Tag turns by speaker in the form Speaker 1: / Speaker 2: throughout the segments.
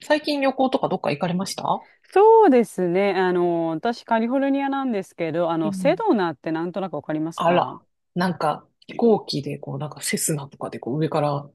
Speaker 1: 最近旅行とかどっか行かれました？
Speaker 2: そうですね。私、カリフォルニアなんですけど、
Speaker 1: う
Speaker 2: セ
Speaker 1: ん。
Speaker 2: ドナってなんとなくわかります
Speaker 1: あら、
Speaker 2: か？
Speaker 1: なんか飛行機でこうなんかセスナとかでこう上から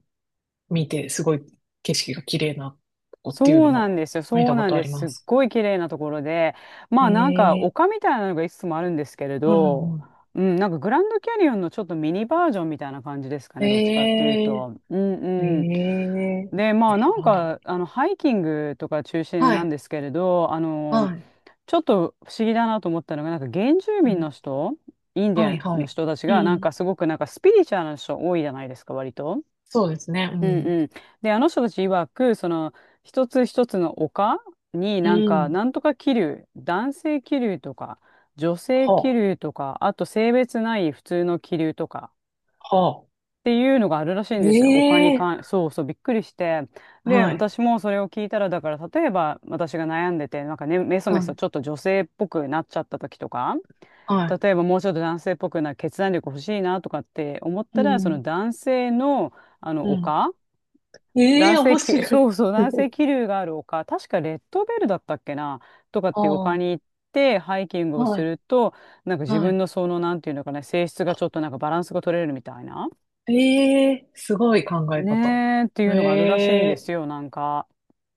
Speaker 1: 見てすごい景色が綺麗なとこっていう
Speaker 2: そ
Speaker 1: の
Speaker 2: うなん
Speaker 1: も
Speaker 2: ですよ。
Speaker 1: 見
Speaker 2: そ
Speaker 1: た
Speaker 2: う
Speaker 1: こ
Speaker 2: なん
Speaker 1: とあ
Speaker 2: で
Speaker 1: り
Speaker 2: す。す
Speaker 1: ま
Speaker 2: っ
Speaker 1: す。
Speaker 2: ごい綺麗なところで、まあなんか
Speaker 1: え
Speaker 2: 丘
Speaker 1: え
Speaker 2: みたいなのがいくつもあるんですけれ
Speaker 1: ーうんう
Speaker 2: ど、
Speaker 1: ん。
Speaker 2: うん、なんかグランドキャニオンのちょっとミニバージョンみたいな感じですか
Speaker 1: え
Speaker 2: ね。どっちかっていう
Speaker 1: え
Speaker 2: と。うん
Speaker 1: ーえ
Speaker 2: うん。
Speaker 1: え
Speaker 2: で、ま
Speaker 1: ー
Speaker 2: あ
Speaker 1: え
Speaker 2: なん
Speaker 1: なんだ。
Speaker 2: か、ハイキングとか中心
Speaker 1: は
Speaker 2: なん
Speaker 1: い、
Speaker 2: ですけれど、
Speaker 1: はい、
Speaker 2: ちょっと不思議だなと思ったのが、なんか原住
Speaker 1: う
Speaker 2: 民
Speaker 1: ん
Speaker 2: の人、インディ
Speaker 1: は
Speaker 2: ア
Speaker 1: い、
Speaker 2: ン
Speaker 1: は
Speaker 2: の
Speaker 1: い。
Speaker 2: 人たち
Speaker 1: う
Speaker 2: が、なん
Speaker 1: ん。
Speaker 2: かすごくなんかスピリチュアルな人多いじゃないですか、割と。
Speaker 1: そうですね、う
Speaker 2: うん
Speaker 1: ん。
Speaker 2: うん。で、あの人たち曰く、一つ一つの丘に
Speaker 1: う
Speaker 2: なんか、
Speaker 1: ん。
Speaker 2: なんとか気流、男性気流とか、女性気
Speaker 1: は
Speaker 2: 流とか、あと性別ない普通の気流とか、
Speaker 1: あ、はあ。
Speaker 2: っていうのがあるらしいんですよ。お金に
Speaker 1: ええ
Speaker 2: 関、そうそう、びっくりして。
Speaker 1: ー
Speaker 2: で、
Speaker 1: はい、
Speaker 2: 私もそれを聞いたら、だから、例えば、私が悩んでて、なんかね、メソ
Speaker 1: は
Speaker 2: メソ
Speaker 1: い、
Speaker 2: ちょっと女性っぽくなっちゃった時とか、
Speaker 1: はい。
Speaker 2: 例えばもうちょっと男性っぽくな決断力欲しいなとかって思っ
Speaker 1: う
Speaker 2: たら、そ
Speaker 1: ん、
Speaker 2: の男性の、
Speaker 1: うん。
Speaker 2: 丘、
Speaker 1: ええ
Speaker 2: 男
Speaker 1: 面
Speaker 2: 性き、
Speaker 1: 白
Speaker 2: そ
Speaker 1: い。
Speaker 2: うそう、男性 気流がある丘、確かレッドベルだったっけな、とかっ
Speaker 1: あ
Speaker 2: ていう丘
Speaker 1: あ、
Speaker 2: に行って、ハイキングを
Speaker 1: は
Speaker 2: す
Speaker 1: い、
Speaker 2: ると、なんか自
Speaker 1: は
Speaker 2: 分
Speaker 1: い。
Speaker 2: のその、なんていうのかな、性質がちょっとなんかバランスが取れるみたいな。
Speaker 1: ええすごい考え
Speaker 2: ね
Speaker 1: 方。
Speaker 2: え、っていうのがあるらしいんで
Speaker 1: ええ
Speaker 2: すよ、なんか。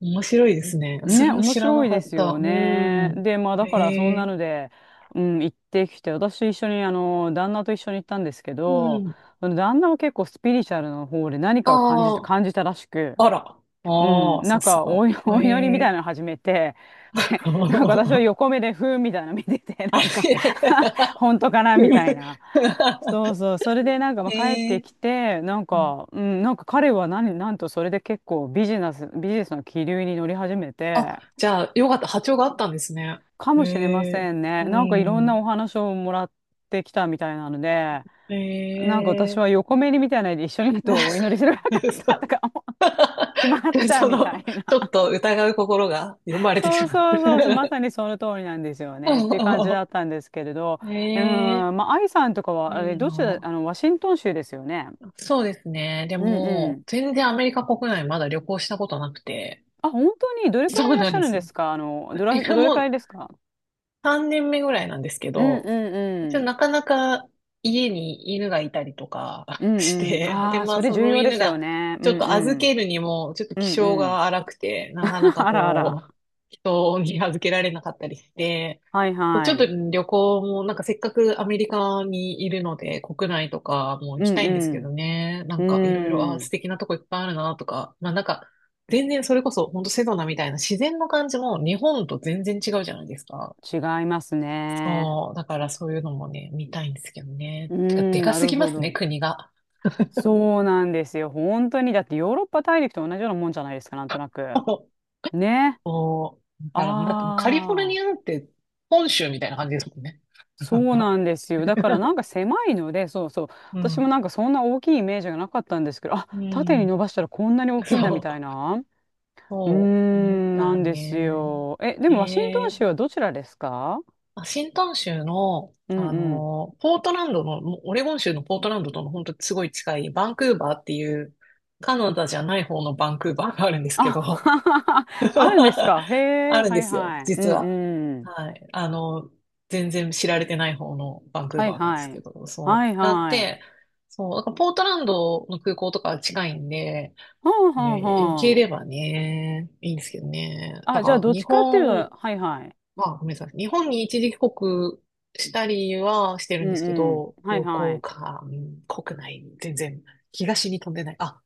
Speaker 1: 面白いですね。そ
Speaker 2: ね、
Speaker 1: れは
Speaker 2: 面
Speaker 1: 知ら
Speaker 2: 白
Speaker 1: な
Speaker 2: い
Speaker 1: か
Speaker 2: で
Speaker 1: っ
Speaker 2: す
Speaker 1: た。
Speaker 2: よ
Speaker 1: う
Speaker 2: ね。
Speaker 1: ん。
Speaker 2: で、まあだからそんな
Speaker 1: ええ
Speaker 2: ので、うん、行ってきて、私一緒に、旦那と一緒に行ったんですけ
Speaker 1: う
Speaker 2: ど、
Speaker 1: ん。
Speaker 2: 旦那は結構スピリチュアルの方で何かを感じ
Speaker 1: あ
Speaker 2: て、感じたらしく、
Speaker 1: あ、あら。
Speaker 2: う
Speaker 1: ああ、
Speaker 2: ん、な
Speaker 1: さ
Speaker 2: ん
Speaker 1: す
Speaker 2: か
Speaker 1: が。
Speaker 2: お
Speaker 1: え
Speaker 2: 祈りみたい
Speaker 1: え
Speaker 2: なの始めて、なんか私 は横目でふーんみたいなの見てて、
Speaker 1: あ
Speaker 2: なんか
Speaker 1: れ
Speaker 2: 本当かなみたいな。そうそう、それでなんかまあ
Speaker 1: え
Speaker 2: 帰って
Speaker 1: え
Speaker 2: きて、なん
Speaker 1: う
Speaker 2: か、うん、なんか彼は何、なんとそれで結構ビジネスの気流に乗り始め
Speaker 1: あ、
Speaker 2: て、
Speaker 1: じゃあ、よかった。波長があったんですね。
Speaker 2: か
Speaker 1: え
Speaker 2: もしれま
Speaker 1: え
Speaker 2: せんね。
Speaker 1: う
Speaker 2: なんかいろんな
Speaker 1: ん。
Speaker 2: お話をもらってきたみたいなので、なん
Speaker 1: え
Speaker 2: か
Speaker 1: え
Speaker 2: 私は横目にみたいなので一緒にいるとお祈りすればよかったと か思って しまっ た
Speaker 1: そ
Speaker 2: みた
Speaker 1: の、
Speaker 2: い
Speaker 1: ち
Speaker 2: な。
Speaker 1: ょっと疑う心が生まれて
Speaker 2: そ
Speaker 1: し
Speaker 2: う
Speaker 1: まっ
Speaker 2: そうそうそう、ま
Speaker 1: た。
Speaker 2: さにその通りなんですよねっていう感じだ ったんですけれど、
Speaker 1: ええ
Speaker 2: まあ、愛さんとかは、あ
Speaker 1: い
Speaker 2: れ、
Speaker 1: い
Speaker 2: どちら、
Speaker 1: な。
Speaker 2: ワシントン州ですよね。
Speaker 1: そうですね。で
Speaker 2: うんう
Speaker 1: も、
Speaker 2: ん。
Speaker 1: 全然アメリカ国内まだ旅行したことなくて。
Speaker 2: あ、本当に、どれくらい
Speaker 1: そう
Speaker 2: いらっ
Speaker 1: なん
Speaker 2: しゃ
Speaker 1: で
Speaker 2: るん
Speaker 1: す
Speaker 2: で
Speaker 1: よ。
Speaker 2: すか？
Speaker 1: え、
Speaker 2: どれ
Speaker 1: も
Speaker 2: くらい
Speaker 1: う
Speaker 2: ですか？
Speaker 1: 3年目ぐらいなんですけ
Speaker 2: うんう
Speaker 1: ど、
Speaker 2: ん
Speaker 1: 一
Speaker 2: う
Speaker 1: 応
Speaker 2: ん。
Speaker 1: なかなか家に犬がいたりとか
Speaker 2: う
Speaker 1: し
Speaker 2: んうん。
Speaker 1: て、で、
Speaker 2: ああ、
Speaker 1: ま
Speaker 2: そ
Speaker 1: あ
Speaker 2: れ
Speaker 1: そ
Speaker 2: 重
Speaker 1: の
Speaker 2: 要で
Speaker 1: 犬
Speaker 2: すよ
Speaker 1: が
Speaker 2: ね。う
Speaker 1: ちょっ
Speaker 2: ん
Speaker 1: と
Speaker 2: う
Speaker 1: 預け
Speaker 2: ん。
Speaker 1: るにもちょっと
Speaker 2: う
Speaker 1: 気
Speaker 2: ん
Speaker 1: 性
Speaker 2: うん。
Speaker 1: が荒くて、なかな か
Speaker 2: あらあ
Speaker 1: こ
Speaker 2: ら。
Speaker 1: う、人に預けられなかったりして、
Speaker 2: はい
Speaker 1: そうち
Speaker 2: は
Speaker 1: ょっと
Speaker 2: い。
Speaker 1: 旅行も、なんかせっかくアメリカにいるので、国内とかも行
Speaker 2: う
Speaker 1: きたいんですけど
Speaker 2: ん
Speaker 1: ね。な
Speaker 2: う
Speaker 1: ん
Speaker 2: ん。
Speaker 1: かいろいろ、あー、
Speaker 2: う
Speaker 1: 素
Speaker 2: ん。
Speaker 1: 敵なとこいっぱいあるなとか、まあなんか、全然それこそ、ほんとセドナみたいな自然の感じも日本と全然違うじゃないですか。
Speaker 2: 違いますね。
Speaker 1: そう、だからそういうのもね、見たいんですけどね。
Speaker 2: う
Speaker 1: てか、で
Speaker 2: ん、
Speaker 1: か
Speaker 2: な
Speaker 1: す
Speaker 2: る
Speaker 1: ぎま
Speaker 2: ほ
Speaker 1: すね、
Speaker 2: ど。
Speaker 1: 国が。
Speaker 2: そうなんですよ。本当に。だってヨーロッパ大陸と同じようなもんじゃないですか、なんとなく。ね。
Speaker 1: そう、だから、だってカリフォル
Speaker 2: あ
Speaker 1: ニア
Speaker 2: あ、
Speaker 1: なんて本州みたいな感じですもんね。
Speaker 2: そ
Speaker 1: なん
Speaker 2: うな
Speaker 1: か、
Speaker 2: んですよ。だからなんか 狭いので、そうそう。
Speaker 1: う
Speaker 2: 私も
Speaker 1: ん。
Speaker 2: なんかそんな大きいイメージがなかったんですけど、あ、
Speaker 1: う
Speaker 2: 縦に
Speaker 1: ん。
Speaker 2: 伸ばしたらこんなに大きいんだみ
Speaker 1: そ
Speaker 2: たい
Speaker 1: う。
Speaker 2: な。うー
Speaker 1: そう、思っ
Speaker 2: ん、な
Speaker 1: た
Speaker 2: んです
Speaker 1: ね。
Speaker 2: よ。え、で
Speaker 1: え
Speaker 2: もワシントン州
Speaker 1: え
Speaker 2: はどちらですか？
Speaker 1: あ、新端州の、
Speaker 2: うん
Speaker 1: あ
Speaker 2: うん。
Speaker 1: の、ポートランドの、もうオレゴン州のポートランドとの本当すごい近いバンクーバーっていう、カナダじゃない方のバンクーバーがあるんですけ
Speaker 2: あ、
Speaker 1: ど、
Speaker 2: あるんですか？へ
Speaker 1: あ
Speaker 2: え、
Speaker 1: るん
Speaker 2: は
Speaker 1: で
Speaker 2: い
Speaker 1: すよ、
Speaker 2: はい。うん
Speaker 1: 実は。
Speaker 2: うん。
Speaker 1: はい。あの、全然知られてない方のバンクー
Speaker 2: はい
Speaker 1: バーなんです
Speaker 2: は
Speaker 1: け
Speaker 2: い。
Speaker 1: ど、そ
Speaker 2: はい
Speaker 1: う。がっ
Speaker 2: はい。
Speaker 1: て、そう、だからポートランドの空港とか近いんで、
Speaker 2: はあはあ
Speaker 1: ね、行け
Speaker 2: は
Speaker 1: ればね、いいんですけどね。だ
Speaker 2: あ、じゃあ、
Speaker 1: から
Speaker 2: どっ
Speaker 1: 日
Speaker 2: ちかっていうと、
Speaker 1: 本、
Speaker 2: はいはい。
Speaker 1: まあごめんなさい。日本に一時帰国したりはしてる
Speaker 2: う
Speaker 1: んです
Speaker 2: ん
Speaker 1: け
Speaker 2: うん。
Speaker 1: ど、
Speaker 2: はい
Speaker 1: 旅
Speaker 2: は
Speaker 1: 行
Speaker 2: い。
Speaker 1: か、うん、国内、全然東に飛んでない。あ、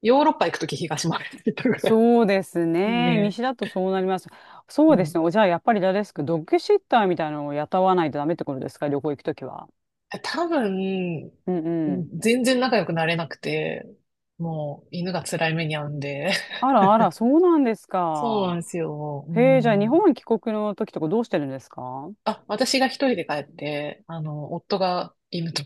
Speaker 1: ヨーロッパ行くとき東まで行ったぐらい。
Speaker 2: そうですね。
Speaker 1: ね。
Speaker 2: 西だとそうなります。
Speaker 1: う
Speaker 2: そうです
Speaker 1: ん。
Speaker 2: ね。お、じゃあ、やっぱり誰ですか、ドッグシッターみたいなのを雇わないとダメってことですか？旅行行くときは。
Speaker 1: 多分、うん
Speaker 2: うんうん。
Speaker 1: 全然仲良くなれなくて、もう犬が辛い目に遭うんで。
Speaker 2: あらあら、そうなんです
Speaker 1: そうなん
Speaker 2: か？
Speaker 1: ですよ。う
Speaker 2: へえ、じゃあ、日
Speaker 1: ん。
Speaker 2: 本帰国の時とかどうしてるんですか？
Speaker 1: あ、私が一人で帰って、あの、夫が犬と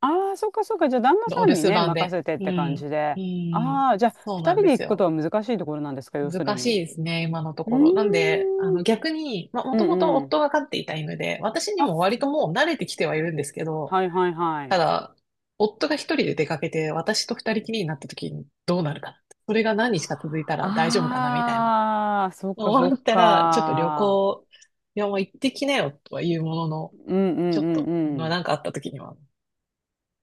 Speaker 2: ああ、そっかそっか。じゃあ、旦那
Speaker 1: お
Speaker 2: さ
Speaker 1: 留
Speaker 2: んに
Speaker 1: 守
Speaker 2: ね、
Speaker 1: 番
Speaker 2: 任
Speaker 1: で。
Speaker 2: せてっ
Speaker 1: う
Speaker 2: て感
Speaker 1: ん。
Speaker 2: じ
Speaker 1: う
Speaker 2: で。
Speaker 1: ん。
Speaker 2: ああ、じゃあ、
Speaker 1: そう
Speaker 2: 二
Speaker 1: なん
Speaker 2: 人
Speaker 1: で
Speaker 2: で行
Speaker 1: す
Speaker 2: くこと
Speaker 1: よ。
Speaker 2: は難しいところなんですか、要する
Speaker 1: 難し
Speaker 2: に？う
Speaker 1: いですね、今のと
Speaker 2: ー
Speaker 1: ころ。なんで、あ
Speaker 2: ん。
Speaker 1: の、逆に、まあ、も
Speaker 2: うん
Speaker 1: ともと
Speaker 2: うん。
Speaker 1: 夫が飼っていた犬で、私に
Speaker 2: あ、
Speaker 1: も割ともう慣れてきてはいるんですけど、
Speaker 2: はいはいは
Speaker 1: た
Speaker 2: い。
Speaker 1: だ、夫が一人で出かけて、私と二人きりになった時にどうなるかな。それが何日か続いたら大丈夫かな、みたいな。
Speaker 2: ああ、そっかそっ
Speaker 1: 思ったら、ちょっと旅
Speaker 2: か。
Speaker 1: 行、いや、もう行ってきなよ、とは言うものの、
Speaker 2: うんう
Speaker 1: ちょ
Speaker 2: ん
Speaker 1: っ
Speaker 2: う
Speaker 1: と、
Speaker 2: ん
Speaker 1: ま
Speaker 2: う
Speaker 1: あ、
Speaker 2: ん。
Speaker 1: なんかあった時には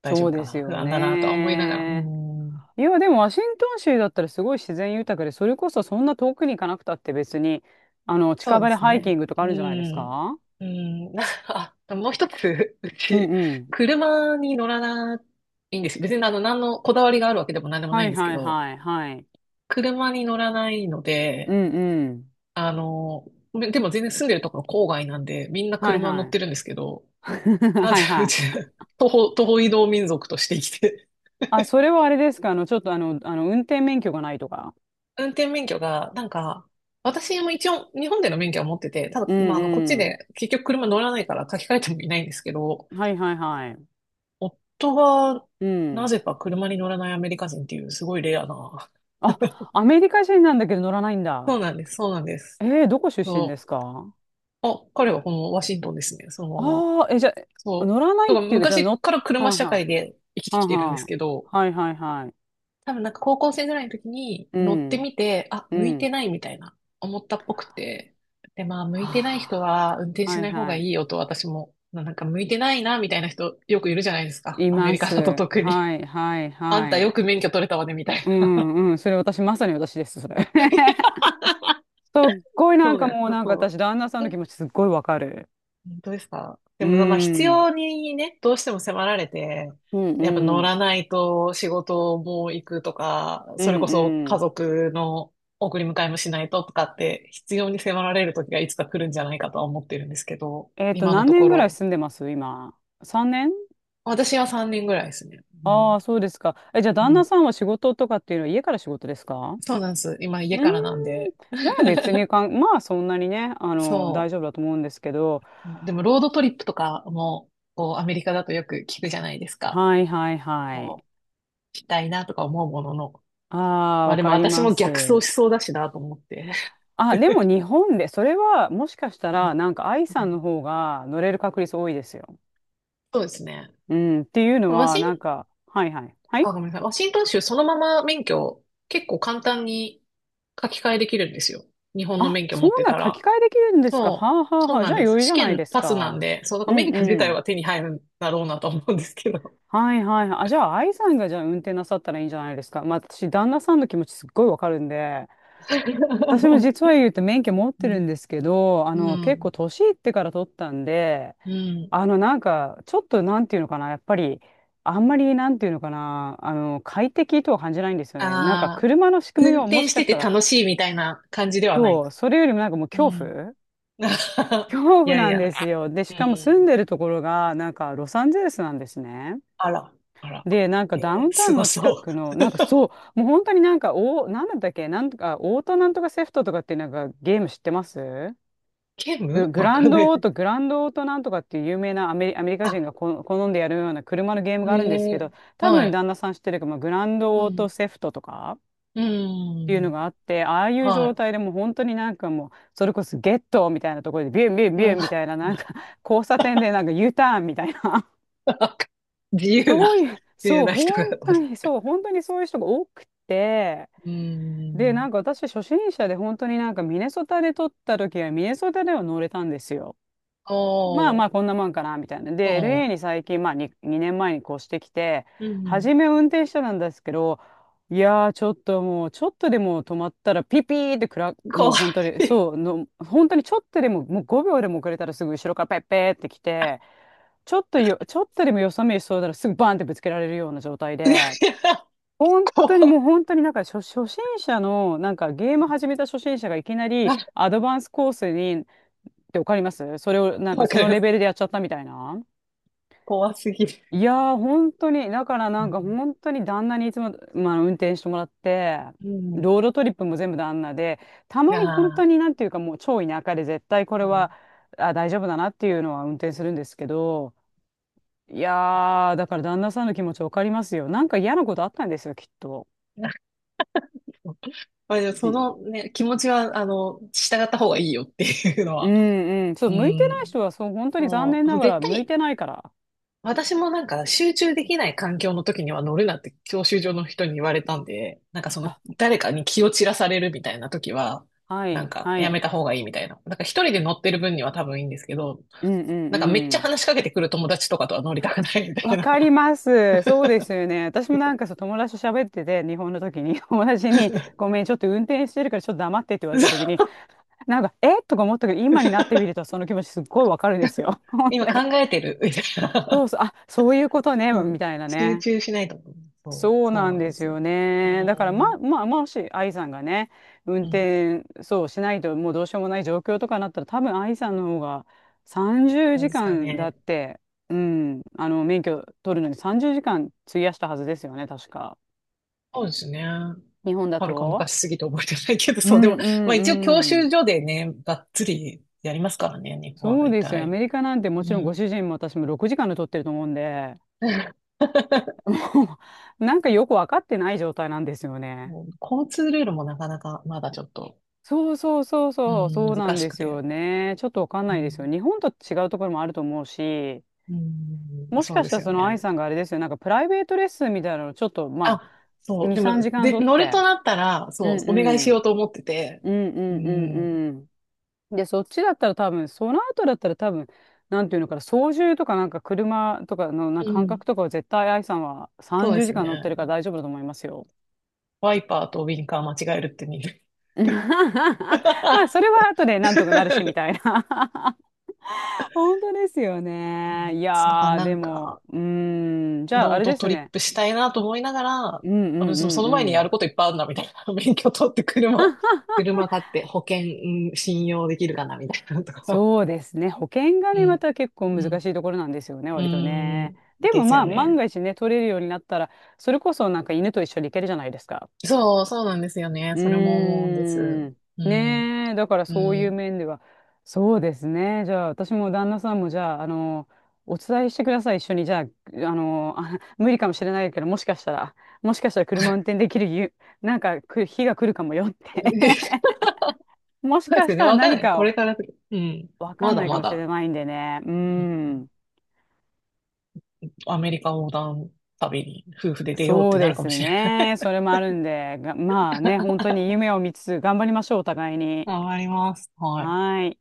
Speaker 1: 大丈
Speaker 2: そ
Speaker 1: 夫
Speaker 2: う
Speaker 1: か
Speaker 2: です
Speaker 1: な、不
Speaker 2: よ
Speaker 1: 安だな、とは思いながら、うー
Speaker 2: ね。
Speaker 1: ん。
Speaker 2: いや、でもワシントン州だったらすごい自然豊かで、それこそそんな遠くに行かなくたって別に、
Speaker 1: そ
Speaker 2: 近
Speaker 1: うで
Speaker 2: 場で
Speaker 1: す
Speaker 2: ハイキン
Speaker 1: ね。
Speaker 2: グとか
Speaker 1: う
Speaker 2: あるんじゃないです
Speaker 1: ん。
Speaker 2: か？
Speaker 1: うん。なんかあ、もう一つ、う
Speaker 2: うん
Speaker 1: ち、
Speaker 2: うん。
Speaker 1: 車に乗らないんですよ。別にあの、何のこだわりがあるわけでも何でもな
Speaker 2: は
Speaker 1: いん
Speaker 2: い
Speaker 1: ですけ
Speaker 2: はい
Speaker 1: ど、
Speaker 2: はいはい。
Speaker 1: 車に乗らないの
Speaker 2: う
Speaker 1: で、
Speaker 2: んうん。
Speaker 1: あの、でも全然住んでるところ郊外なんで、みんな
Speaker 2: はい
Speaker 1: 車乗
Speaker 2: は
Speaker 1: って
Speaker 2: い。
Speaker 1: るんですけど、な
Speaker 2: は
Speaker 1: ぜ
Speaker 2: い
Speaker 1: う
Speaker 2: は
Speaker 1: ち、
Speaker 2: い。
Speaker 1: 徒歩移動民族として生きて、
Speaker 2: あ、それはあれですか、あの、ちょっとあの、あの、運転免許がないとか。
Speaker 1: 運転免許が、なんか、私も一応日本での免許は持ってて、ただ、
Speaker 2: う
Speaker 1: まあ、あの、こっち
Speaker 2: んう
Speaker 1: で結局車乗らないから書き換えてもいないんですけど、
Speaker 2: ん。はいはいはい。
Speaker 1: 夫が、
Speaker 2: う
Speaker 1: な
Speaker 2: ん。
Speaker 1: ぜか車に乗らないアメリカ人っていう、すごいレアな。
Speaker 2: あ、アメリカ人なんだけど乗らないん
Speaker 1: そう
Speaker 2: だ。
Speaker 1: なんです、そうなんです。
Speaker 2: どこ出身で
Speaker 1: そ
Speaker 2: すか？
Speaker 1: う。あ、彼はこのワシントンですね、そのまま。
Speaker 2: ああー、え、じゃあ、
Speaker 1: そう。
Speaker 2: 乗らな
Speaker 1: だ
Speaker 2: いっ
Speaker 1: から
Speaker 2: ていうか、じゃあ
Speaker 1: 昔から
Speaker 2: は
Speaker 1: 車
Speaker 2: ん
Speaker 1: 社
Speaker 2: はん、
Speaker 1: 会で生きて
Speaker 2: は
Speaker 1: き
Speaker 2: ん
Speaker 1: て
Speaker 2: は
Speaker 1: るんです
Speaker 2: ん、
Speaker 1: けど、
Speaker 2: はいはいはい。
Speaker 1: 多分なんか高校生ぐらいの時に
Speaker 2: う
Speaker 1: 乗って
Speaker 2: ん、
Speaker 1: みて、あ、
Speaker 2: う
Speaker 1: 向いて
Speaker 2: ん。
Speaker 1: ないみたいな、思ったっぽくて。で、まあ、向
Speaker 2: は
Speaker 1: いてない人は運転
Speaker 2: あ、
Speaker 1: し
Speaker 2: は
Speaker 1: な
Speaker 2: い
Speaker 1: い方がい
Speaker 2: は
Speaker 1: いよと私も、なんか向いてないな、みたいな人よくいるじゃないですか。
Speaker 2: い。い
Speaker 1: アメ
Speaker 2: ま
Speaker 1: リカだと
Speaker 2: す。
Speaker 1: 特に。
Speaker 2: はいはい
Speaker 1: あんた
Speaker 2: はい。
Speaker 1: よく免許取れたわね、みたい
Speaker 2: う
Speaker 1: な。
Speaker 2: んうん。それ私、まさに私です、それ。すっごいな
Speaker 1: そ
Speaker 2: ん
Speaker 1: う
Speaker 2: か
Speaker 1: なんです。
Speaker 2: もうなんか
Speaker 1: そ
Speaker 2: 私、旦那さん
Speaker 1: う。
Speaker 2: の気持ちすっごいわかる。
Speaker 1: どうですかで
Speaker 2: う
Speaker 1: も、まあ、必
Speaker 2: ん。
Speaker 1: 要にね、どうしても迫られて、
Speaker 2: うん
Speaker 1: やっぱ
Speaker 2: う
Speaker 1: 乗
Speaker 2: ん。
Speaker 1: らないと仕事も行くとか、
Speaker 2: う
Speaker 1: それこ
Speaker 2: ん
Speaker 1: そ
Speaker 2: う
Speaker 1: 家
Speaker 2: ん。
Speaker 1: 族の送り迎えもしないととかって、必要に迫られる時がいつか来るんじゃないかとは思ってるんですけど、今の
Speaker 2: 何
Speaker 1: と
Speaker 2: 年
Speaker 1: こ
Speaker 2: ぐらい
Speaker 1: ろ。
Speaker 2: 住んでます今？3年？
Speaker 1: 私は3人ぐらいですね。う
Speaker 2: あ
Speaker 1: ん。
Speaker 2: あ、そうですか。え、じゃあ、
Speaker 1: う
Speaker 2: 旦那
Speaker 1: ん。
Speaker 2: さんは仕事とかっていうのは家から仕事ですか？
Speaker 1: そうなんです。今
Speaker 2: う
Speaker 1: 家
Speaker 2: ーん。
Speaker 1: からなんで。
Speaker 2: じゃあ、別に かん、まあ、そんなにね、大
Speaker 1: そ
Speaker 2: 丈夫だと思うんですけど。
Speaker 1: う。でも、ロードトリップとかも、こう、アメリカだとよく聞くじゃないですか。
Speaker 2: はいはいはい。
Speaker 1: こしたいなとか思うものの、
Speaker 2: ああ、
Speaker 1: まあ
Speaker 2: わ
Speaker 1: でも
Speaker 2: かり
Speaker 1: 私
Speaker 2: ま
Speaker 1: も逆
Speaker 2: す。
Speaker 1: 走しそうだしなと思って。
Speaker 2: あ、でも日本で、それはもしかした
Speaker 1: うん
Speaker 2: ら、なんか愛
Speaker 1: う
Speaker 2: さ
Speaker 1: ん
Speaker 2: んの方が乗れる確率多いですよ。
Speaker 1: そうですね。
Speaker 2: うん、っていうの
Speaker 1: ワ
Speaker 2: は、なん
Speaker 1: シン、
Speaker 2: か、はいはい。はい。
Speaker 1: あ、ごめんなさい。ワシントン州そのまま免許結構簡単に書き換えできるんですよ。日本の
Speaker 2: あ、
Speaker 1: 免許
Speaker 2: そ
Speaker 1: 持
Speaker 2: う
Speaker 1: って
Speaker 2: な、
Speaker 1: た
Speaker 2: 書き
Speaker 1: ら。
Speaker 2: 換えできるんですか？は
Speaker 1: そ
Speaker 2: あは
Speaker 1: う、
Speaker 2: あ
Speaker 1: そう
Speaker 2: はあ。
Speaker 1: な
Speaker 2: じ
Speaker 1: ん
Speaker 2: ゃあ、
Speaker 1: です。
Speaker 2: 余裕じ
Speaker 1: 試
Speaker 2: ゃない
Speaker 1: 験
Speaker 2: です
Speaker 1: パスな
Speaker 2: か。
Speaker 1: んで、そう、だか
Speaker 2: う
Speaker 1: ら免
Speaker 2: ん
Speaker 1: 許自
Speaker 2: う
Speaker 1: 体
Speaker 2: ん。
Speaker 1: は手に入るんだろうなと思うんですけど。
Speaker 2: はいはいはい。あ、じゃあ、愛さんがじゃあ運転なさったらいいんじゃないですか。まあ、私、旦那さんの気持ちすっごいわかるんで、私も 実は言うと免許持って
Speaker 1: う
Speaker 2: るん
Speaker 1: ん。
Speaker 2: ですけど、
Speaker 1: う
Speaker 2: 結
Speaker 1: ん。
Speaker 2: 構年いってから取ったんで、
Speaker 1: うん。
Speaker 2: なんか、ちょっとなんていうのかな、やっぱり、あんまりなんていうのかな、快適とは感じないんですよね。なんか、
Speaker 1: ああ、
Speaker 2: 車の仕組み
Speaker 1: 運
Speaker 2: をも
Speaker 1: 転
Speaker 2: し
Speaker 1: し
Speaker 2: か
Speaker 1: て
Speaker 2: し
Speaker 1: て
Speaker 2: たら、
Speaker 1: 楽しいみたいな感じではないで
Speaker 2: そう、
Speaker 1: す。
Speaker 2: それよりもなんかもう
Speaker 1: うん。
Speaker 2: 恐
Speaker 1: い
Speaker 2: 怖
Speaker 1: やい
Speaker 2: なん
Speaker 1: や、
Speaker 2: ですよ。で、し
Speaker 1: う
Speaker 2: かも住ん
Speaker 1: ん。
Speaker 2: でるところが、なんか、ロサンゼルスなんですね。
Speaker 1: あら、あら。
Speaker 2: で、なんか
Speaker 1: え
Speaker 2: ダウン
Speaker 1: ー、
Speaker 2: タウ
Speaker 1: す
Speaker 2: ン
Speaker 1: ご
Speaker 2: の近
Speaker 1: そう。
Speaker 2: くの、なんかそ う、もう本当になんか、なんだったっけ、なんとか、オートなんとかセフトとかってなんかゲーム知ってます？
Speaker 1: ケムわかんない。
Speaker 2: グランドオートなんとかっていう有名なアメリカ
Speaker 1: あ、
Speaker 2: 人が好んでやるような車のゲームがあるんです
Speaker 1: え
Speaker 2: け
Speaker 1: ー、
Speaker 2: ど、多
Speaker 1: は
Speaker 2: 分
Speaker 1: い。
Speaker 2: 旦那さん知ってるかも、グランド
Speaker 1: う
Speaker 2: オート
Speaker 1: ん、
Speaker 2: セフトとかっ
Speaker 1: う
Speaker 2: ていうの
Speaker 1: ん、
Speaker 2: があって、ああいう状
Speaker 1: は
Speaker 2: 態でもう本当になんかもう、それこそゲットみたいなところでビュンビュン
Speaker 1: い。う
Speaker 2: ビュ
Speaker 1: ん、
Speaker 2: ンみたいな、なんか交差点でなんか U ターンみたいな。
Speaker 1: 自由な、自由な人が、
Speaker 2: そう、本当にそういう人が多くて、
Speaker 1: う
Speaker 2: で、な
Speaker 1: ん、
Speaker 2: んか私初心者で本当になんかミネソタで撮った時はミネソタでは乗れたんですよ。まあ
Speaker 1: お
Speaker 2: まあ
Speaker 1: ー、
Speaker 2: こんなもんかなみたいな。
Speaker 1: お
Speaker 2: で、LA
Speaker 1: ん、
Speaker 2: に最近、まあ 2年前に越してきて、
Speaker 1: うん、
Speaker 2: 初め運転してたんですけど、いやー、ちょっと、もうちょっとでも止まったらピピーってもう
Speaker 1: 怖
Speaker 2: 本当に
Speaker 1: い。い
Speaker 2: そうの、本当にちょっとでももう5秒でも遅れたらすぐ後ろからペッペーって来て、ちょっとでもよさめしそうだらすぐバンってぶつけられるような状態
Speaker 1: やい
Speaker 2: で、
Speaker 1: や、
Speaker 2: 本
Speaker 1: 怖
Speaker 2: 当にもう
Speaker 1: い。
Speaker 2: 本当になんか初心者のなんかゲーム始めた初心者がいきなり
Speaker 1: あ、
Speaker 2: アドバンスコースにって、わかります？それをなんか
Speaker 1: わ
Speaker 2: そ
Speaker 1: かり
Speaker 2: の
Speaker 1: ま
Speaker 2: レ
Speaker 1: す。
Speaker 2: ベルでやっちゃったみたいな。
Speaker 1: 怖すぎる。
Speaker 2: いやー、本当にだから
Speaker 1: う
Speaker 2: なんか本当に旦那にいつも、まあ、運転してもらって、
Speaker 1: ん、う
Speaker 2: ロードトリップも全部旦那で、た
Speaker 1: ん、
Speaker 2: ま
Speaker 1: あ
Speaker 2: に本当
Speaker 1: あ、
Speaker 2: になんていうかもう超田舎で、絶対これ
Speaker 1: う
Speaker 2: は
Speaker 1: ん。
Speaker 2: あ大丈夫だなっていうのは運転するんですけど、いやー、だから旦那さんの気持ちわかりますよ、なんか嫌なことあったんですよ、きっと。
Speaker 1: まあ、でもそのね、気持ちは、あの、従った方がいいよっていうの
Speaker 2: う
Speaker 1: は。
Speaker 2: んうん。そ
Speaker 1: う
Speaker 2: う、向いてない
Speaker 1: ん。
Speaker 2: 人は、そう、本当に残
Speaker 1: そ
Speaker 2: 念な
Speaker 1: う
Speaker 2: が
Speaker 1: 絶
Speaker 2: ら向い
Speaker 1: 対、
Speaker 2: てないから。
Speaker 1: 私もなんか集中できない環境の時には乗るなって教習所の人に言われたんで、なんかその
Speaker 2: あ、
Speaker 1: 誰かに気を散らされるみたいな時は、
Speaker 2: は
Speaker 1: な
Speaker 2: い、
Speaker 1: んか
Speaker 2: は
Speaker 1: やめ
Speaker 2: い。
Speaker 1: た方がいいみたいな。なんか一人で乗ってる分には多分いいんですけど、
Speaker 2: うんうん
Speaker 1: なんかめっち
Speaker 2: う
Speaker 1: ゃ
Speaker 2: ん。
Speaker 1: 話しかけてくる友達とかとは乗りたくないみたい
Speaker 2: わ
Speaker 1: な。
Speaker 2: かります。そうですよね。私もなんかそう友達と喋ってて、日本の時に、友達に、ごめん、ちょっと運転してるからちょっと黙ってって言われた時に、なんか、えとか思ったけど、今になってみるとその気持ちすっごいわかるんですよ。本当
Speaker 1: 今考
Speaker 2: に。
Speaker 1: えてるみたい
Speaker 2: そ
Speaker 1: な。
Speaker 2: うそう、あ、そういうことね、
Speaker 1: うん、
Speaker 2: みたいな
Speaker 1: 集
Speaker 2: ね。
Speaker 1: 中しないと思う。そう、
Speaker 2: そう
Speaker 1: そう
Speaker 2: なん
Speaker 1: なん
Speaker 2: で
Speaker 1: で
Speaker 2: す
Speaker 1: すよ
Speaker 2: よ
Speaker 1: ね。う
Speaker 2: ね。だから、
Speaker 1: ー
Speaker 2: ま、
Speaker 1: ん、
Speaker 2: まあ、もし愛さんがね、運
Speaker 1: うん、
Speaker 2: 転、そうしないともうどうしようもない状況とかになったら、多分愛さんの方が30
Speaker 1: そうで
Speaker 2: 時
Speaker 1: すか
Speaker 2: 間だっ
Speaker 1: ね。
Speaker 2: て、うん、あの、免許取るのに30時間費やしたはずですよね、確か。
Speaker 1: そうですね。
Speaker 2: 日本だ
Speaker 1: はるか
Speaker 2: と。
Speaker 1: 昔すぎて覚えてないけど、
Speaker 2: う
Speaker 1: そう、で
Speaker 2: ん
Speaker 1: も、
Speaker 2: う
Speaker 1: まあ一応教
Speaker 2: んう
Speaker 1: 習
Speaker 2: ん。
Speaker 1: 所でね、がっつりやりますからね、日本は
Speaker 2: そう
Speaker 1: 大
Speaker 2: ですよ。ア
Speaker 1: 体。
Speaker 2: メリカなんても
Speaker 1: う
Speaker 2: ちろんご
Speaker 1: ん。
Speaker 2: 主人も私も6時間で取ってると思うんで、もうなんかよくわかってない状態なんですよね。
Speaker 1: もう交通ルールもなかなかまだちょっと、
Speaker 2: そうそうそう
Speaker 1: う
Speaker 2: そう、
Speaker 1: ん、
Speaker 2: そうな
Speaker 1: 難
Speaker 2: ん
Speaker 1: し
Speaker 2: で
Speaker 1: く
Speaker 2: す
Speaker 1: て。
Speaker 2: よね。ちょっとわかん
Speaker 1: う
Speaker 2: ないですよ。
Speaker 1: ん、
Speaker 2: 日本と違うところもあると思うし、
Speaker 1: うん
Speaker 2: もし
Speaker 1: そう
Speaker 2: か
Speaker 1: で
Speaker 2: した
Speaker 1: す
Speaker 2: ら
Speaker 1: よ
Speaker 2: その愛
Speaker 1: ね。
Speaker 2: さんがあれですよ、なんかプライベートレッスンみたいなのをちょっと、ま
Speaker 1: あ、
Speaker 2: あ、
Speaker 1: そう、
Speaker 2: 2、
Speaker 1: でも、
Speaker 2: 3時間
Speaker 1: で、
Speaker 2: 取っ
Speaker 1: 乗る
Speaker 2: て、
Speaker 1: となったら、
Speaker 2: う
Speaker 1: そ
Speaker 2: ん
Speaker 1: う、
Speaker 2: う
Speaker 1: お願いしよ
Speaker 2: ん、
Speaker 1: うと思ってて、
Speaker 2: うんう
Speaker 1: う
Speaker 2: んう
Speaker 1: ん、
Speaker 2: んうん。で、そっちだったら多分、その後だったら多分、なんていうのかな、操縦とかなんか車とかのなん
Speaker 1: う
Speaker 2: か感覚
Speaker 1: ん
Speaker 2: とかは絶対愛さんは
Speaker 1: そう
Speaker 2: 30
Speaker 1: です
Speaker 2: 時間
Speaker 1: ね。
Speaker 2: 乗ってるから大丈夫だと思いますよ。
Speaker 1: ワイパーとウィンカー間違えるって見る。
Speaker 2: まあ、それは後でなんとかなるし、みたいな。本当ですよ
Speaker 1: う
Speaker 2: ね。
Speaker 1: ん
Speaker 2: い
Speaker 1: だから
Speaker 2: やー、
Speaker 1: なん
Speaker 2: でも、
Speaker 1: か、
Speaker 2: うーん、じゃあ、
Speaker 1: ロ
Speaker 2: あ
Speaker 1: ー
Speaker 2: れ
Speaker 1: ド
Speaker 2: で
Speaker 1: ト
Speaker 2: す
Speaker 1: リッ
Speaker 2: ね。
Speaker 1: プしたいなと思いながら、あ
Speaker 2: うんう
Speaker 1: でも
Speaker 2: んう
Speaker 1: そ
Speaker 2: ん
Speaker 1: の前に
Speaker 2: う
Speaker 1: やる
Speaker 2: ん。
Speaker 1: こといっぱいあるな、みたいな。免許取って車、車買って保険、うん信用できるかな、みたいなのとか。
Speaker 2: そうですね。保険が
Speaker 1: う
Speaker 2: ね、ま
Speaker 1: ん。
Speaker 2: た結構
Speaker 1: う
Speaker 2: 難
Speaker 1: ん。
Speaker 2: しいところなんですよね、
Speaker 1: う
Speaker 2: 割とね。
Speaker 1: ん。
Speaker 2: で
Speaker 1: で
Speaker 2: も
Speaker 1: す
Speaker 2: ま
Speaker 1: よ
Speaker 2: あ、万
Speaker 1: ね。
Speaker 2: が一ね、取れるようになったら、それこそなんか犬と一緒に行けるじゃないですか。
Speaker 1: そう、そうなんですよね。
Speaker 2: う
Speaker 1: それも思うんです。
Speaker 2: ーん。
Speaker 1: うん。
Speaker 2: ねえ、だから
Speaker 1: う
Speaker 2: そういう
Speaker 1: ん。
Speaker 2: 面では。そうですね。じゃあ、私も旦那さんも、じゃあ、あの、お伝えしてください、一緒に。じゃあ、あの、あ、無理かもしれないけど、もしかしたら車運転できるなんか、日が来るかもよって。
Speaker 1: そうで
Speaker 2: もしか
Speaker 1: す
Speaker 2: し
Speaker 1: よね。
Speaker 2: たら
Speaker 1: わかんな
Speaker 2: 何
Speaker 1: い。こ
Speaker 2: か
Speaker 1: れ
Speaker 2: を、
Speaker 1: から、うん。
Speaker 2: わか
Speaker 1: ま
Speaker 2: ん
Speaker 1: だ
Speaker 2: ないか
Speaker 1: ま
Speaker 2: もし
Speaker 1: だ。
Speaker 2: れないんでね。うーん。
Speaker 1: アメリカ横断旅に夫婦で出ようっ
Speaker 2: そ
Speaker 1: て
Speaker 2: う
Speaker 1: な
Speaker 2: で
Speaker 1: るかも
Speaker 2: す
Speaker 1: しれない。
Speaker 2: ね。それもあるんで、まあね、本当に夢を見つつ、頑張りましょう、お互いに。
Speaker 1: 頑張ります。はい。
Speaker 2: はーい。